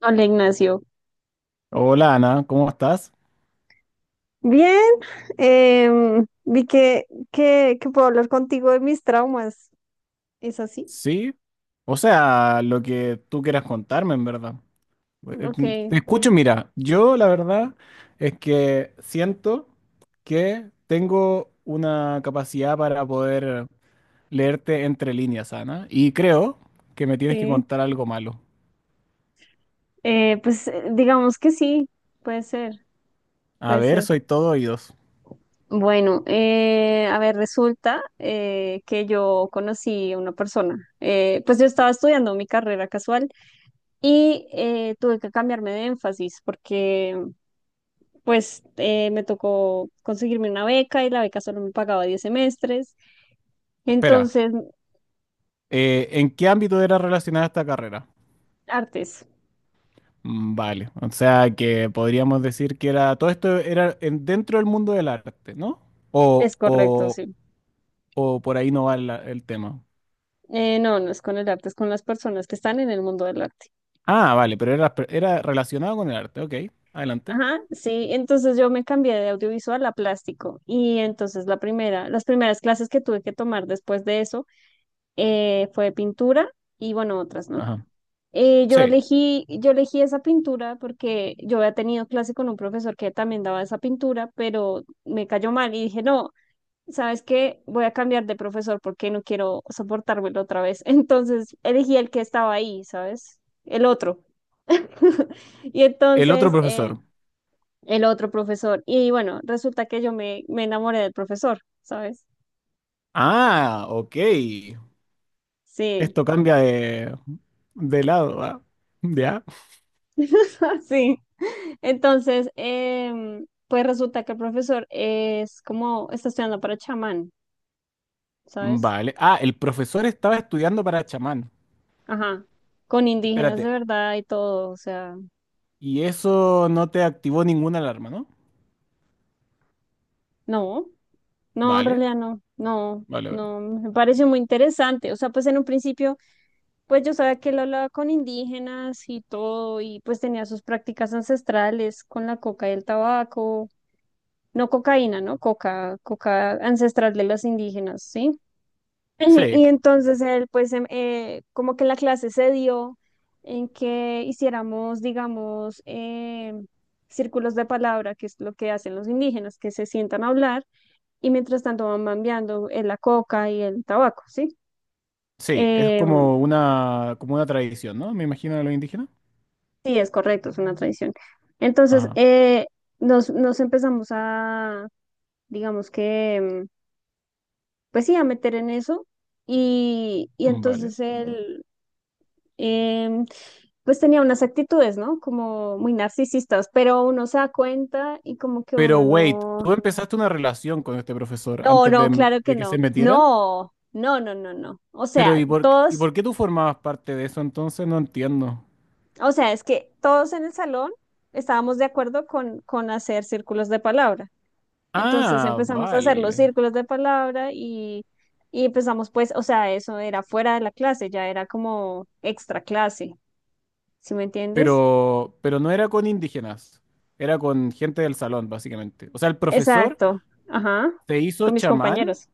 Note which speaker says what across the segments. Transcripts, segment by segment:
Speaker 1: Hola, Ignacio.
Speaker 2: Hola Ana, ¿cómo estás?
Speaker 1: Bien, vi que puedo hablar contigo de mis traumas. ¿Es así?
Speaker 2: Sí, o sea, lo que tú quieras contarme, en verdad. Eh,
Speaker 1: Ok,
Speaker 2: Te escucho, mira, yo la verdad es que siento que tengo una capacidad para poder leerte entre líneas, Ana, y creo que me tienes que
Speaker 1: sí.
Speaker 2: contar algo malo.
Speaker 1: Pues digamos que sí, puede ser,
Speaker 2: A
Speaker 1: puede
Speaker 2: ver,
Speaker 1: ser.
Speaker 2: soy todo oídos.
Speaker 1: Bueno, a ver, resulta que yo conocí a una persona. Pues yo estaba estudiando mi carrera casual y tuve que cambiarme de énfasis porque pues me tocó conseguirme una beca y la beca solo me pagaba 10 semestres.
Speaker 2: Espera,
Speaker 1: Entonces,
Speaker 2: ¿en qué ámbito era relacionada esta carrera?
Speaker 1: artes,
Speaker 2: Vale, o sea que podríamos decir que era todo esto era en- dentro del mundo del arte, ¿no? O,
Speaker 1: es correcto,
Speaker 2: o,
Speaker 1: sí.
Speaker 2: o por ahí no va el tema.
Speaker 1: No, no es con el arte, es con las personas que están en el mundo del arte.
Speaker 2: Ah, vale, pero era relacionado con el arte, ok, adelante.
Speaker 1: Ajá, sí, entonces yo me cambié de audiovisual a plástico y entonces la primera, las primeras clases que tuve que tomar después de eso fue de pintura y bueno, otras, ¿no?
Speaker 2: Ajá.
Speaker 1: Yo
Speaker 2: Sí,
Speaker 1: elegí, yo elegí esa pintura porque yo había tenido clase con un profesor que también daba esa pintura, pero me cayó mal y dije, no, ¿sabes qué? Voy a cambiar de profesor porque no quiero soportármelo otra vez. Entonces elegí el que estaba ahí, ¿sabes? El otro. Y
Speaker 2: el otro
Speaker 1: entonces
Speaker 2: profesor.
Speaker 1: el otro profesor. Y bueno, resulta que yo me enamoré del profesor, ¿sabes?
Speaker 2: Ah, ok.
Speaker 1: Sí,
Speaker 2: Esto cambia de lado, ¿ah? ¿Ya?
Speaker 1: sí. Entonces, pues resulta que el profesor es como, está estudiando para chamán, ¿sabes?
Speaker 2: Vale. Ah, el profesor estaba estudiando para chamán.
Speaker 1: Ajá. Con indígenas de
Speaker 2: Espérate.
Speaker 1: verdad y todo, o sea,
Speaker 2: Y eso no te activó ninguna alarma, ¿no?
Speaker 1: no. No, en
Speaker 2: Vale,
Speaker 1: realidad no, no,
Speaker 2: vale, vale.
Speaker 1: no, me parece muy interesante. O sea, pues en un principio, pues yo sabía que él hablaba con indígenas y todo, y pues tenía sus prácticas ancestrales con la coca y el tabaco, no cocaína, ¿no? Coca, coca ancestral de los indígenas, ¿sí? Y
Speaker 2: Sí,
Speaker 1: entonces él, pues como que la clase se dio en que hiciéramos, digamos, círculos de palabra, que es lo que hacen los indígenas, que se sientan a hablar y mientras tanto van cambiando la coca y el tabaco, ¿sí?
Speaker 2: Sí, es
Speaker 1: Em,
Speaker 2: como una tradición, ¿no? Me imagino de los indígenas.
Speaker 1: sí, es correcto, es una tradición. Entonces,
Speaker 2: Ajá,
Speaker 1: nos empezamos a, digamos que, pues sí, a meter en eso y
Speaker 2: mm, vale.
Speaker 1: entonces él, em, pues tenía unas actitudes, ¿no? Como muy narcisistas, pero uno se da cuenta y como que
Speaker 2: Pero
Speaker 1: uno
Speaker 2: wait,
Speaker 1: no,
Speaker 2: tú empezaste una relación con este profesor
Speaker 1: no,
Speaker 2: antes
Speaker 1: no, claro que
Speaker 2: de que
Speaker 1: no,
Speaker 2: se metieran.
Speaker 1: no, no, no, no, no. O
Speaker 2: Pero
Speaker 1: sea,
Speaker 2: ¿y y
Speaker 1: todos,
Speaker 2: por qué tú formabas parte de eso entonces? No entiendo.
Speaker 1: o sea, es que todos en el salón estábamos de acuerdo con hacer círculos de palabra. Entonces
Speaker 2: Ah,
Speaker 1: empezamos a hacer los
Speaker 2: vale.
Speaker 1: círculos de palabra y empezamos pues, o sea, eso era fuera de la clase, ya era como extra clase, ¿sí me entiendes?
Speaker 2: Pero no era con indígenas, era con gente del salón, básicamente. O sea, el profesor
Speaker 1: Exacto, ajá,
Speaker 2: te hizo
Speaker 1: con mis
Speaker 2: chamán,
Speaker 1: compañeros.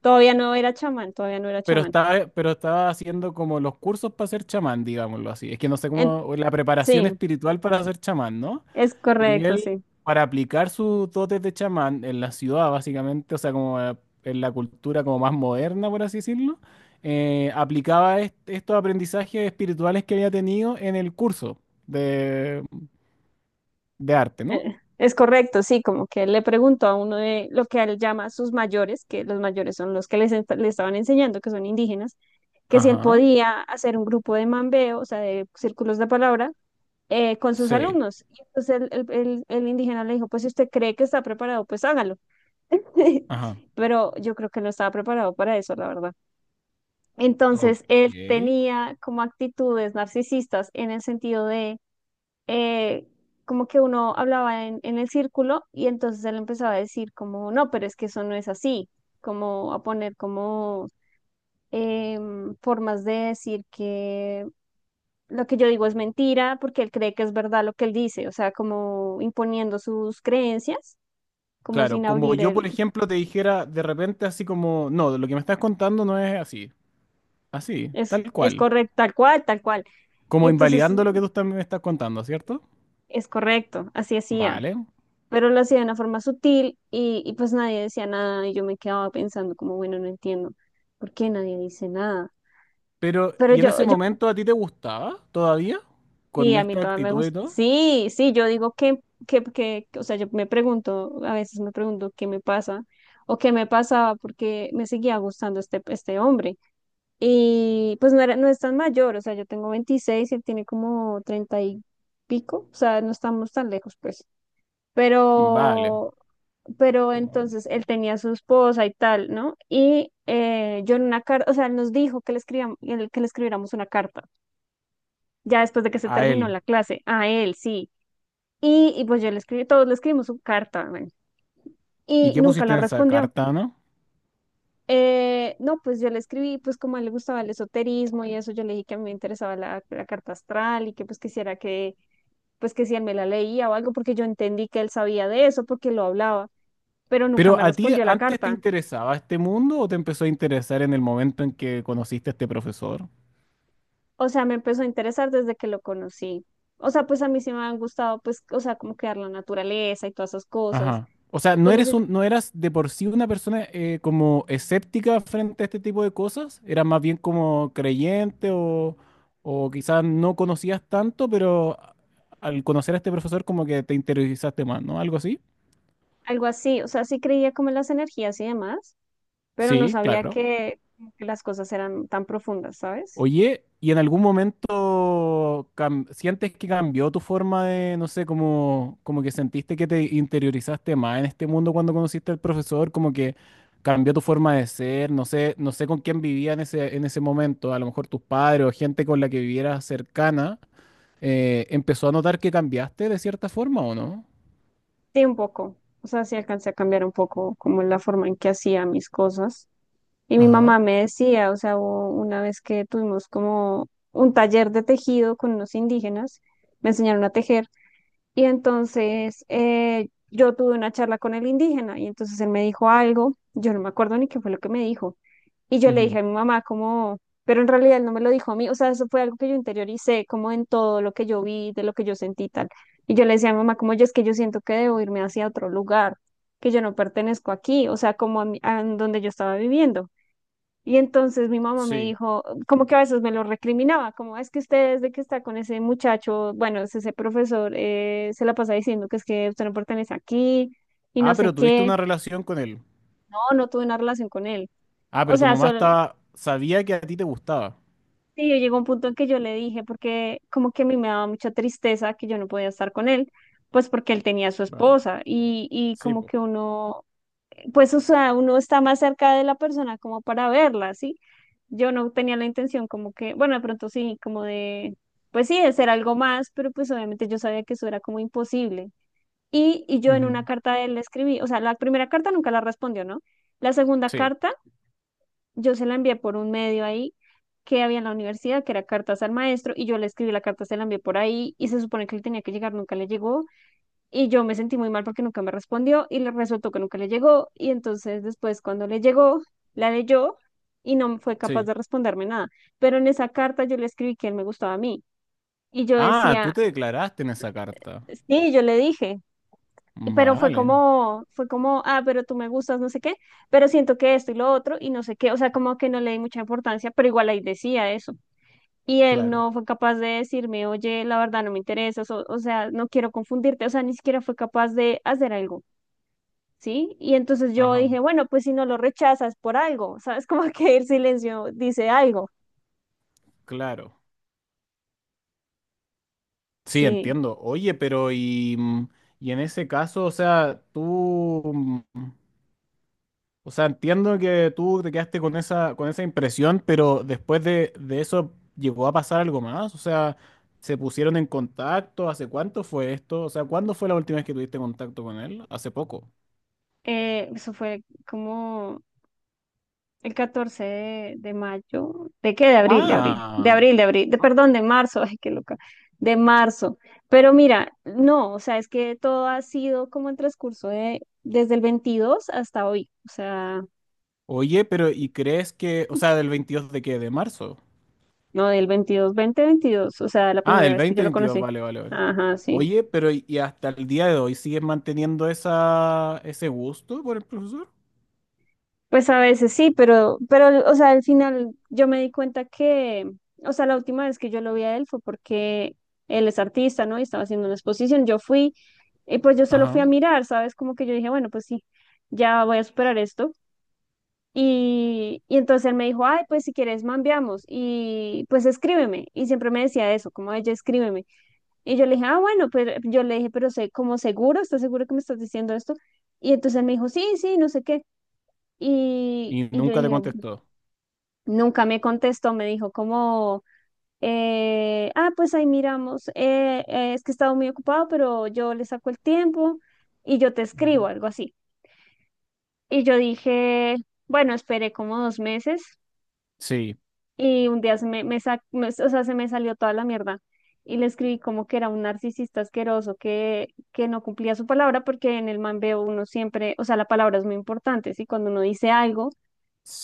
Speaker 1: Todavía no era chamán, todavía no era chamán.
Speaker 2: pero estaba haciendo como los cursos para ser chamán, digámoslo así. Es que no sé cómo,
Speaker 1: En-
Speaker 2: o la preparación
Speaker 1: sí,
Speaker 2: espiritual para ser chamán, ¿no?
Speaker 1: es
Speaker 2: Y
Speaker 1: correcto,
Speaker 2: él,
Speaker 1: sí.
Speaker 2: para aplicar sus dotes de chamán en la ciudad, básicamente, o sea, como en la cultura como más moderna, por así decirlo, aplicaba estos aprendizajes espirituales que había tenido en el curso de, de arte, ¿no?
Speaker 1: Es correcto, sí, como que él le preguntó a uno de lo que él llama sus mayores, que los mayores son los que le estaban enseñando, que son indígenas, que si él
Speaker 2: Ajá,
Speaker 1: podía hacer un grupo de mambeo, o sea, de círculos de palabra, con sus
Speaker 2: sí,
Speaker 1: alumnos. Y entonces el indígena le dijo, pues si usted cree que está preparado, pues hágalo.
Speaker 2: ajá.
Speaker 1: Pero yo creo que no estaba preparado para eso, la verdad. Entonces
Speaker 2: Ok.
Speaker 1: él tenía como actitudes narcisistas en el sentido eh, como que uno hablaba en el círculo y entonces él empezaba a decir como, no, pero es que eso no es así, como a poner como formas de decir que lo que yo digo es mentira porque él cree que es verdad lo que él dice, o sea, como imponiendo sus creencias, como
Speaker 2: Claro,
Speaker 1: sin
Speaker 2: como
Speaker 1: abrir
Speaker 2: yo, por
Speaker 1: el,
Speaker 2: ejemplo, te dijera de repente así como, no, lo que me estás contando no es así, así, tal
Speaker 1: es
Speaker 2: cual,
Speaker 1: correcto, tal cual, tal cual. Y
Speaker 2: como
Speaker 1: entonces
Speaker 2: invalidando lo que tú también me estás contando, ¿cierto?
Speaker 1: es correcto, así hacía.
Speaker 2: Vale.
Speaker 1: Pero lo hacía de una forma sutil y pues nadie decía nada y yo me quedaba pensando como, bueno, no entiendo por qué nadie dice nada.
Speaker 2: Pero,
Speaker 1: Pero
Speaker 2: ¿y en
Speaker 1: yo,
Speaker 2: ese
Speaker 1: yo,
Speaker 2: momento a ti te gustaba todavía?
Speaker 1: sí,
Speaker 2: Con
Speaker 1: a mí
Speaker 2: esta
Speaker 1: todavía me
Speaker 2: actitud y
Speaker 1: gusta,
Speaker 2: todo.
Speaker 1: sí, sí, yo digo que, o sea, yo me pregunto, a veces me pregunto qué me pasa o qué me pasaba porque me seguía gustando este, este hombre. Y pues no era, no es tan mayor, o sea, yo tengo 26 y él tiene como 30 y pico, o sea, no estamos tan lejos, pues.
Speaker 2: Vale,
Speaker 1: Pero pero
Speaker 2: como
Speaker 1: entonces él tenía a su esposa y tal, ¿no? Y yo en una carta, o sea, él nos dijo que le escribíamos, que le escribiéramos una carta, ya después de que se
Speaker 2: a
Speaker 1: terminó
Speaker 2: él.
Speaker 1: la clase, a él, sí. Y pues yo le escribí, todos le escribimos su carta, bueno,
Speaker 2: ¿Y
Speaker 1: y
Speaker 2: qué
Speaker 1: nunca
Speaker 2: pusiste
Speaker 1: la
Speaker 2: en esa
Speaker 1: respondió.
Speaker 2: carta, no?
Speaker 1: No, pues yo le escribí, pues como a él le gustaba el esoterismo y eso, yo le dije que a mí me interesaba la, la carta astral y que pues quisiera que, pues que si él me la leía o algo, porque yo entendí que él sabía de eso, porque lo hablaba, pero nunca
Speaker 2: Pero
Speaker 1: me
Speaker 2: ¿a ti
Speaker 1: respondió la
Speaker 2: antes te
Speaker 1: carta.
Speaker 2: interesaba este mundo o te empezó a interesar en el momento en que conociste a este profesor?
Speaker 1: O sea, me empezó a interesar desde que lo conocí. O sea, pues a mí sí me han gustado, pues, o sea, como quedar la naturaleza y todas esas cosas.
Speaker 2: Ajá. O sea,
Speaker 1: Y
Speaker 2: ¿no
Speaker 1: pues no
Speaker 2: eres
Speaker 1: sé,
Speaker 2: un, no eras de por sí una persona como escéptica frente a este tipo de cosas? ¿Eras más bien como creyente o quizás no conocías tanto, pero al conocer a este profesor como que te interesaste más, ¿no? Algo así.
Speaker 1: algo así. O sea, sí creía como en las energías y demás, pero no
Speaker 2: Sí,
Speaker 1: sabía
Speaker 2: claro.
Speaker 1: que, como que las cosas eran tan profundas, ¿sabes?
Speaker 2: Oye, ¿y en algún momento sientes que cambió tu forma de, no sé, como, como que sentiste que te interiorizaste más en este mundo cuando conociste al profesor? Como que cambió tu forma de ser, no sé, no sé con quién vivía en ese momento, a lo mejor tus padres o gente con la que vivieras cercana, ¿empezó a notar que cambiaste de cierta forma o no?
Speaker 1: Sí, un poco. O sea, sí alcancé a cambiar un poco como la forma en que hacía mis cosas. Y mi mamá
Speaker 2: Ajá.
Speaker 1: me decía, o sea, hubo una vez que tuvimos como un taller de tejido con unos indígenas, me enseñaron a tejer. Y entonces yo tuve una charla con el indígena y entonces él me dijo algo, yo no me acuerdo ni qué fue lo que me dijo. Y yo le
Speaker 2: Ujú.
Speaker 1: dije a mi mamá como, pero en realidad él no me lo dijo a mí, o sea, eso fue algo que yo interioricé como en todo lo que yo vi, de lo que yo sentí y tal. Y yo le decía a mi mamá como, yo es que yo siento que debo irme hacia otro lugar, que yo no pertenezco aquí, o sea, como a, a donde yo estaba viviendo. Y entonces mi mamá me
Speaker 2: Sí.
Speaker 1: dijo, como que a veces me lo recriminaba, como es que usted desde que está con ese muchacho, bueno, es ese profesor, se la pasa diciendo que es que usted no pertenece aquí y
Speaker 2: Ah,
Speaker 1: no
Speaker 2: pero
Speaker 1: sé
Speaker 2: tuviste una
Speaker 1: qué.
Speaker 2: relación con él.
Speaker 1: No, no tuve una relación con él.
Speaker 2: Ah,
Speaker 1: O
Speaker 2: pero tu
Speaker 1: sea,
Speaker 2: mamá
Speaker 1: solo,
Speaker 2: estaba, sabía que a ti te gustaba.
Speaker 1: sí, llegó un punto en que yo le dije, porque como que a mí me daba mucha tristeza que yo no podía estar con él, pues porque él tenía a su
Speaker 2: Claro.
Speaker 1: esposa y
Speaker 2: Sí,
Speaker 1: como
Speaker 2: po.
Speaker 1: que uno pues, o sea, uno está más cerca de la persona como para verla, ¿sí? Yo no tenía la intención como que, bueno, de pronto sí, como de, pues sí, de ser algo más, pero pues obviamente yo sabía que eso era como imposible. Y yo en una
Speaker 2: Ujú.
Speaker 1: carta de él le escribí, o sea, la primera carta nunca la respondió, ¿no? La segunda
Speaker 2: Sí,
Speaker 1: carta yo se la envié por un medio ahí que había en la universidad, que era cartas al maestro, y yo le escribí la carta, se la envié por ahí, y se supone que él tenía que llegar, nunca le llegó, y yo me sentí muy mal porque nunca me respondió y le resultó que nunca le llegó. Y entonces después cuando le llegó, la leyó y no fue capaz
Speaker 2: sí.
Speaker 1: de responderme nada. Pero en esa carta yo le escribí que él me gustaba a mí. Y yo
Speaker 2: Ah, tú
Speaker 1: decía,
Speaker 2: te declaraste en esa carta.
Speaker 1: sí, yo le dije. Pero
Speaker 2: Vale,
Speaker 1: fue como, ah, pero tú me gustas, no sé qué, pero siento que esto y lo otro y no sé qué, o sea, como que no le di mucha importancia, pero igual ahí decía eso. Y él
Speaker 2: claro.
Speaker 1: no fue capaz de decirme, oye, la verdad no me interesas, o sea, no quiero confundirte, o sea, ni siquiera fue capaz de hacer algo. ¿Sí? Y entonces yo
Speaker 2: Ajá,
Speaker 1: dije, bueno, pues si no lo rechazas por algo, ¿sabes? Como que el silencio dice algo,
Speaker 2: claro. Sí,
Speaker 1: sí.
Speaker 2: entiendo. Oye, pero y, mm, y en ese caso, o sea, tú, mm, o sea, entiendo que tú te quedaste con esa impresión, pero después de eso llegó a pasar algo más. O sea, ¿se pusieron en contacto? ¿Hace cuánto fue esto? O sea, ¿cuándo fue la última vez que tuviste contacto con él? Hace poco.
Speaker 1: Eso fue como el 14 de mayo, ¿de qué? De abril, de abril, de
Speaker 2: Ah,
Speaker 1: abril, de abril, de, perdón, de marzo, ay, qué loca, de marzo. Pero mira, no, o sea, es que todo ha sido como el transcurso de, desde el 22 hasta hoy, o sea,
Speaker 2: Oye, pero ¿y crees que, o sea, del 22 de qué? ¿De marzo?
Speaker 1: no, del 22 2022, o sea, la
Speaker 2: Ah,
Speaker 1: primera
Speaker 2: del
Speaker 1: vez que yo lo
Speaker 2: 2022,
Speaker 1: conocí.
Speaker 2: vale, vale, vale.
Speaker 1: Ajá, sí.
Speaker 2: Oye, pero y hasta el día de hoy sigues manteniendo esa, ese gusto por el profesor?
Speaker 1: Pues a veces sí, pero, o sea, al final yo me di cuenta que, o sea, la última vez que yo lo vi a él fue porque él es artista, ¿no? Y estaba haciendo una exposición. Yo fui, y pues yo solo fui a
Speaker 2: Ajá.
Speaker 1: mirar, ¿sabes? Como que yo dije, bueno, pues sí, ya voy a superar esto. Y entonces él me dijo, ay, pues si quieres, mambiamos. Y pues escríbeme. Y siempre me decía eso, como ella, escríbeme. Y yo le dije, ah, bueno, pero yo le dije, pero sé, como seguro, ¿estás seguro que me estás diciendo esto? Y entonces él me dijo, sí, sí, no sé qué.
Speaker 2: Y
Speaker 1: Y yo
Speaker 2: nunca te
Speaker 1: dije,
Speaker 2: contestó.
Speaker 1: nunca me contestó, me dijo como, pues ahí miramos, es que he estado muy ocupado, pero yo le saco el tiempo y yo te escribo,
Speaker 2: Ujú.
Speaker 1: algo así. Y yo dije, bueno, esperé como 2 meses
Speaker 2: Sí,
Speaker 1: y un día se me, me sa- me- o sea, se me salió toda la mierda. Y le escribí como que era un narcisista asqueroso que no cumplía su palabra, porque en el man veo uno siempre, o sea, la palabra es muy importante, ¿sí? Cuando uno dice algo,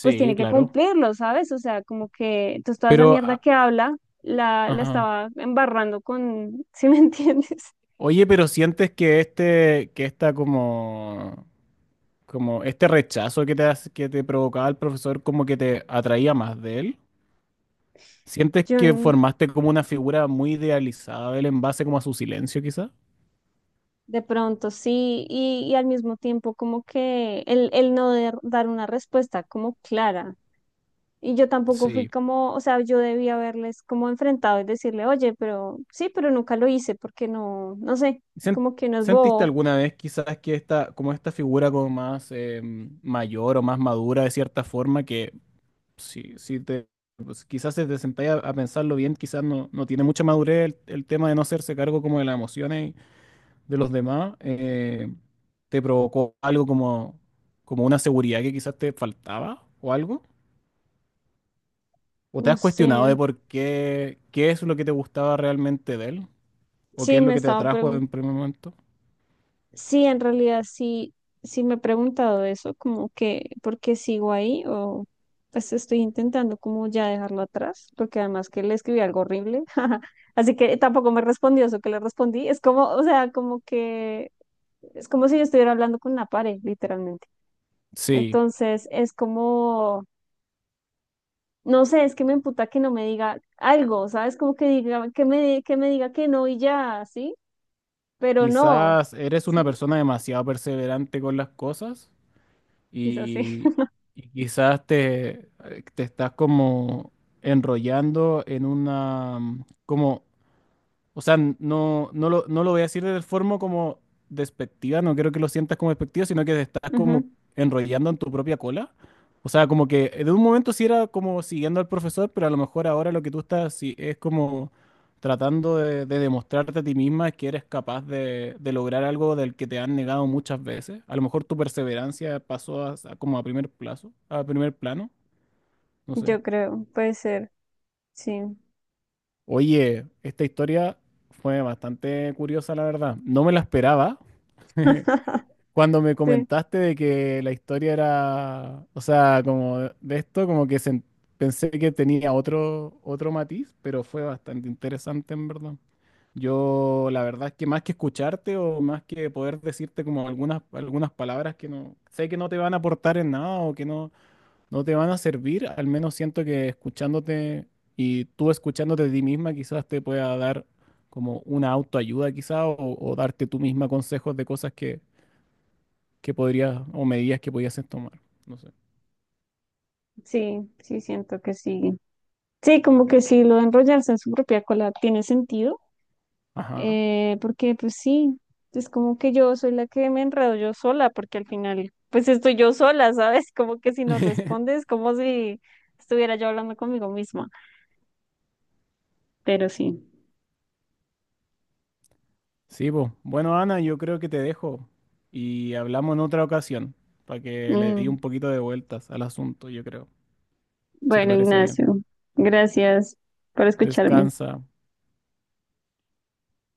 Speaker 1: pues tiene que
Speaker 2: claro.
Speaker 1: cumplirlo, ¿sabes? O sea, como que entonces toda esa
Speaker 2: Pero,
Speaker 1: mierda
Speaker 2: ah,
Speaker 1: que habla la, la
Speaker 2: ajá.
Speaker 1: estaba embarrando con, ¿sí me entiendes?
Speaker 2: Oye, pero sientes que este, que esta como, como este rechazo que te, que te provocaba el profesor como que te atraía más de él? ¿Sientes
Speaker 1: Yo
Speaker 2: que
Speaker 1: n-
Speaker 2: formaste como una figura muy idealizada de él en base como a su silencio, quizás?
Speaker 1: de pronto sí, y al mismo tiempo como que el no der- dar una respuesta como clara. Y yo tampoco fui
Speaker 2: Sí.
Speaker 1: como, o sea, yo debía haberles como enfrentado y decirle, oye, pero sí, pero nunca lo hice porque no, no sé,
Speaker 2: ¿Sen-
Speaker 1: como que no es
Speaker 2: ¿Sentiste
Speaker 1: bobo,
Speaker 2: alguna vez quizás que esta, como esta figura como más mayor o más madura de cierta forma, que si, si te, pues, quizás si te sentáis a pensarlo bien, quizás no, no tiene mucha madurez el tema de no hacerse cargo como de las emociones de los demás, te provocó algo como, como una seguridad que quizás te faltaba o algo? ¿O te
Speaker 1: no
Speaker 2: has cuestionado
Speaker 1: sé.
Speaker 2: de por qué, qué es lo que te gustaba realmente de él? ¿O qué
Speaker 1: Sí,
Speaker 2: es
Speaker 1: me
Speaker 2: lo que te
Speaker 1: estaba
Speaker 2: atrajo
Speaker 1: preguntando
Speaker 2: en primer momento?
Speaker 1: Sí, en realidad sí, sí me he preguntado eso, como que, ¿por qué sigo ahí? O pues estoy intentando como ya dejarlo atrás, porque además que le escribí algo horrible, así que tampoco me respondió eso que le respondí. Es como, o sea, como que, es como si yo estuviera hablando con una pared, literalmente.
Speaker 2: Sí,
Speaker 1: Entonces, es como, no sé, es que me emputa que no me diga algo, ¿sabes? Como que diga, que me diga que no y ya, ¿sí? Pero no,
Speaker 2: quizás eres una
Speaker 1: ¿sí?
Speaker 2: persona demasiado perseverante con las cosas
Speaker 1: Quizás sí.
Speaker 2: y, y quizás te, te estás como enrollando en una, como o sea, no, no lo, no lo voy a decir de forma como despectiva, no quiero que lo sientas como despectivo, sino que te estás
Speaker 1: Ujú.
Speaker 2: como enrollando en tu propia cola. O sea, como que de un momento sí era como siguiendo al profesor, pero a lo mejor ahora lo que tú estás sí, es como tratando de demostrarte a ti misma que eres capaz de lograr algo del que te han negado muchas veces. A lo mejor tu perseverancia pasó a como a primer plazo, a primer plano, no sé.
Speaker 1: Yo creo, puede ser, sí.
Speaker 2: Oye, esta historia fue bastante curiosa, la verdad. No me la esperaba. Cuando me
Speaker 1: Sí,
Speaker 2: comentaste de que la historia era, o sea, como de esto, como que pensé que tenía otro, otro matiz, pero fue bastante interesante en verdad. Yo, la verdad es que más que escucharte o más que poder decirte como algunas, algunas palabras que no sé que no te van a aportar en nada o que no, no te van a servir, al menos siento que escuchándote y tú escuchándote de ti misma quizás te pueda dar como una autoayuda quizás o darte tú misma consejos de cosas que podrías, o medidas que podías tomar. No sé.
Speaker 1: sí, sí, siento que sí. Sí, como que sí, lo de enrollarse en su propia cola tiene sentido,
Speaker 2: Ajá.
Speaker 1: porque pues sí, es como que yo soy la que me enredo yo sola, porque al final pues estoy yo sola, ¿sabes? Como que si no respondes, como si estuviera yo hablando conmigo misma, pero sí.
Speaker 2: Sí, pues. Bueno, Ana, yo creo que te dejo y hablamos en otra ocasión para que le di
Speaker 1: Mm,
Speaker 2: un poquito de vueltas al asunto, yo creo, si te
Speaker 1: bueno,
Speaker 2: parece bien.
Speaker 1: Ignacio, gracias por escucharme.
Speaker 2: Descansa.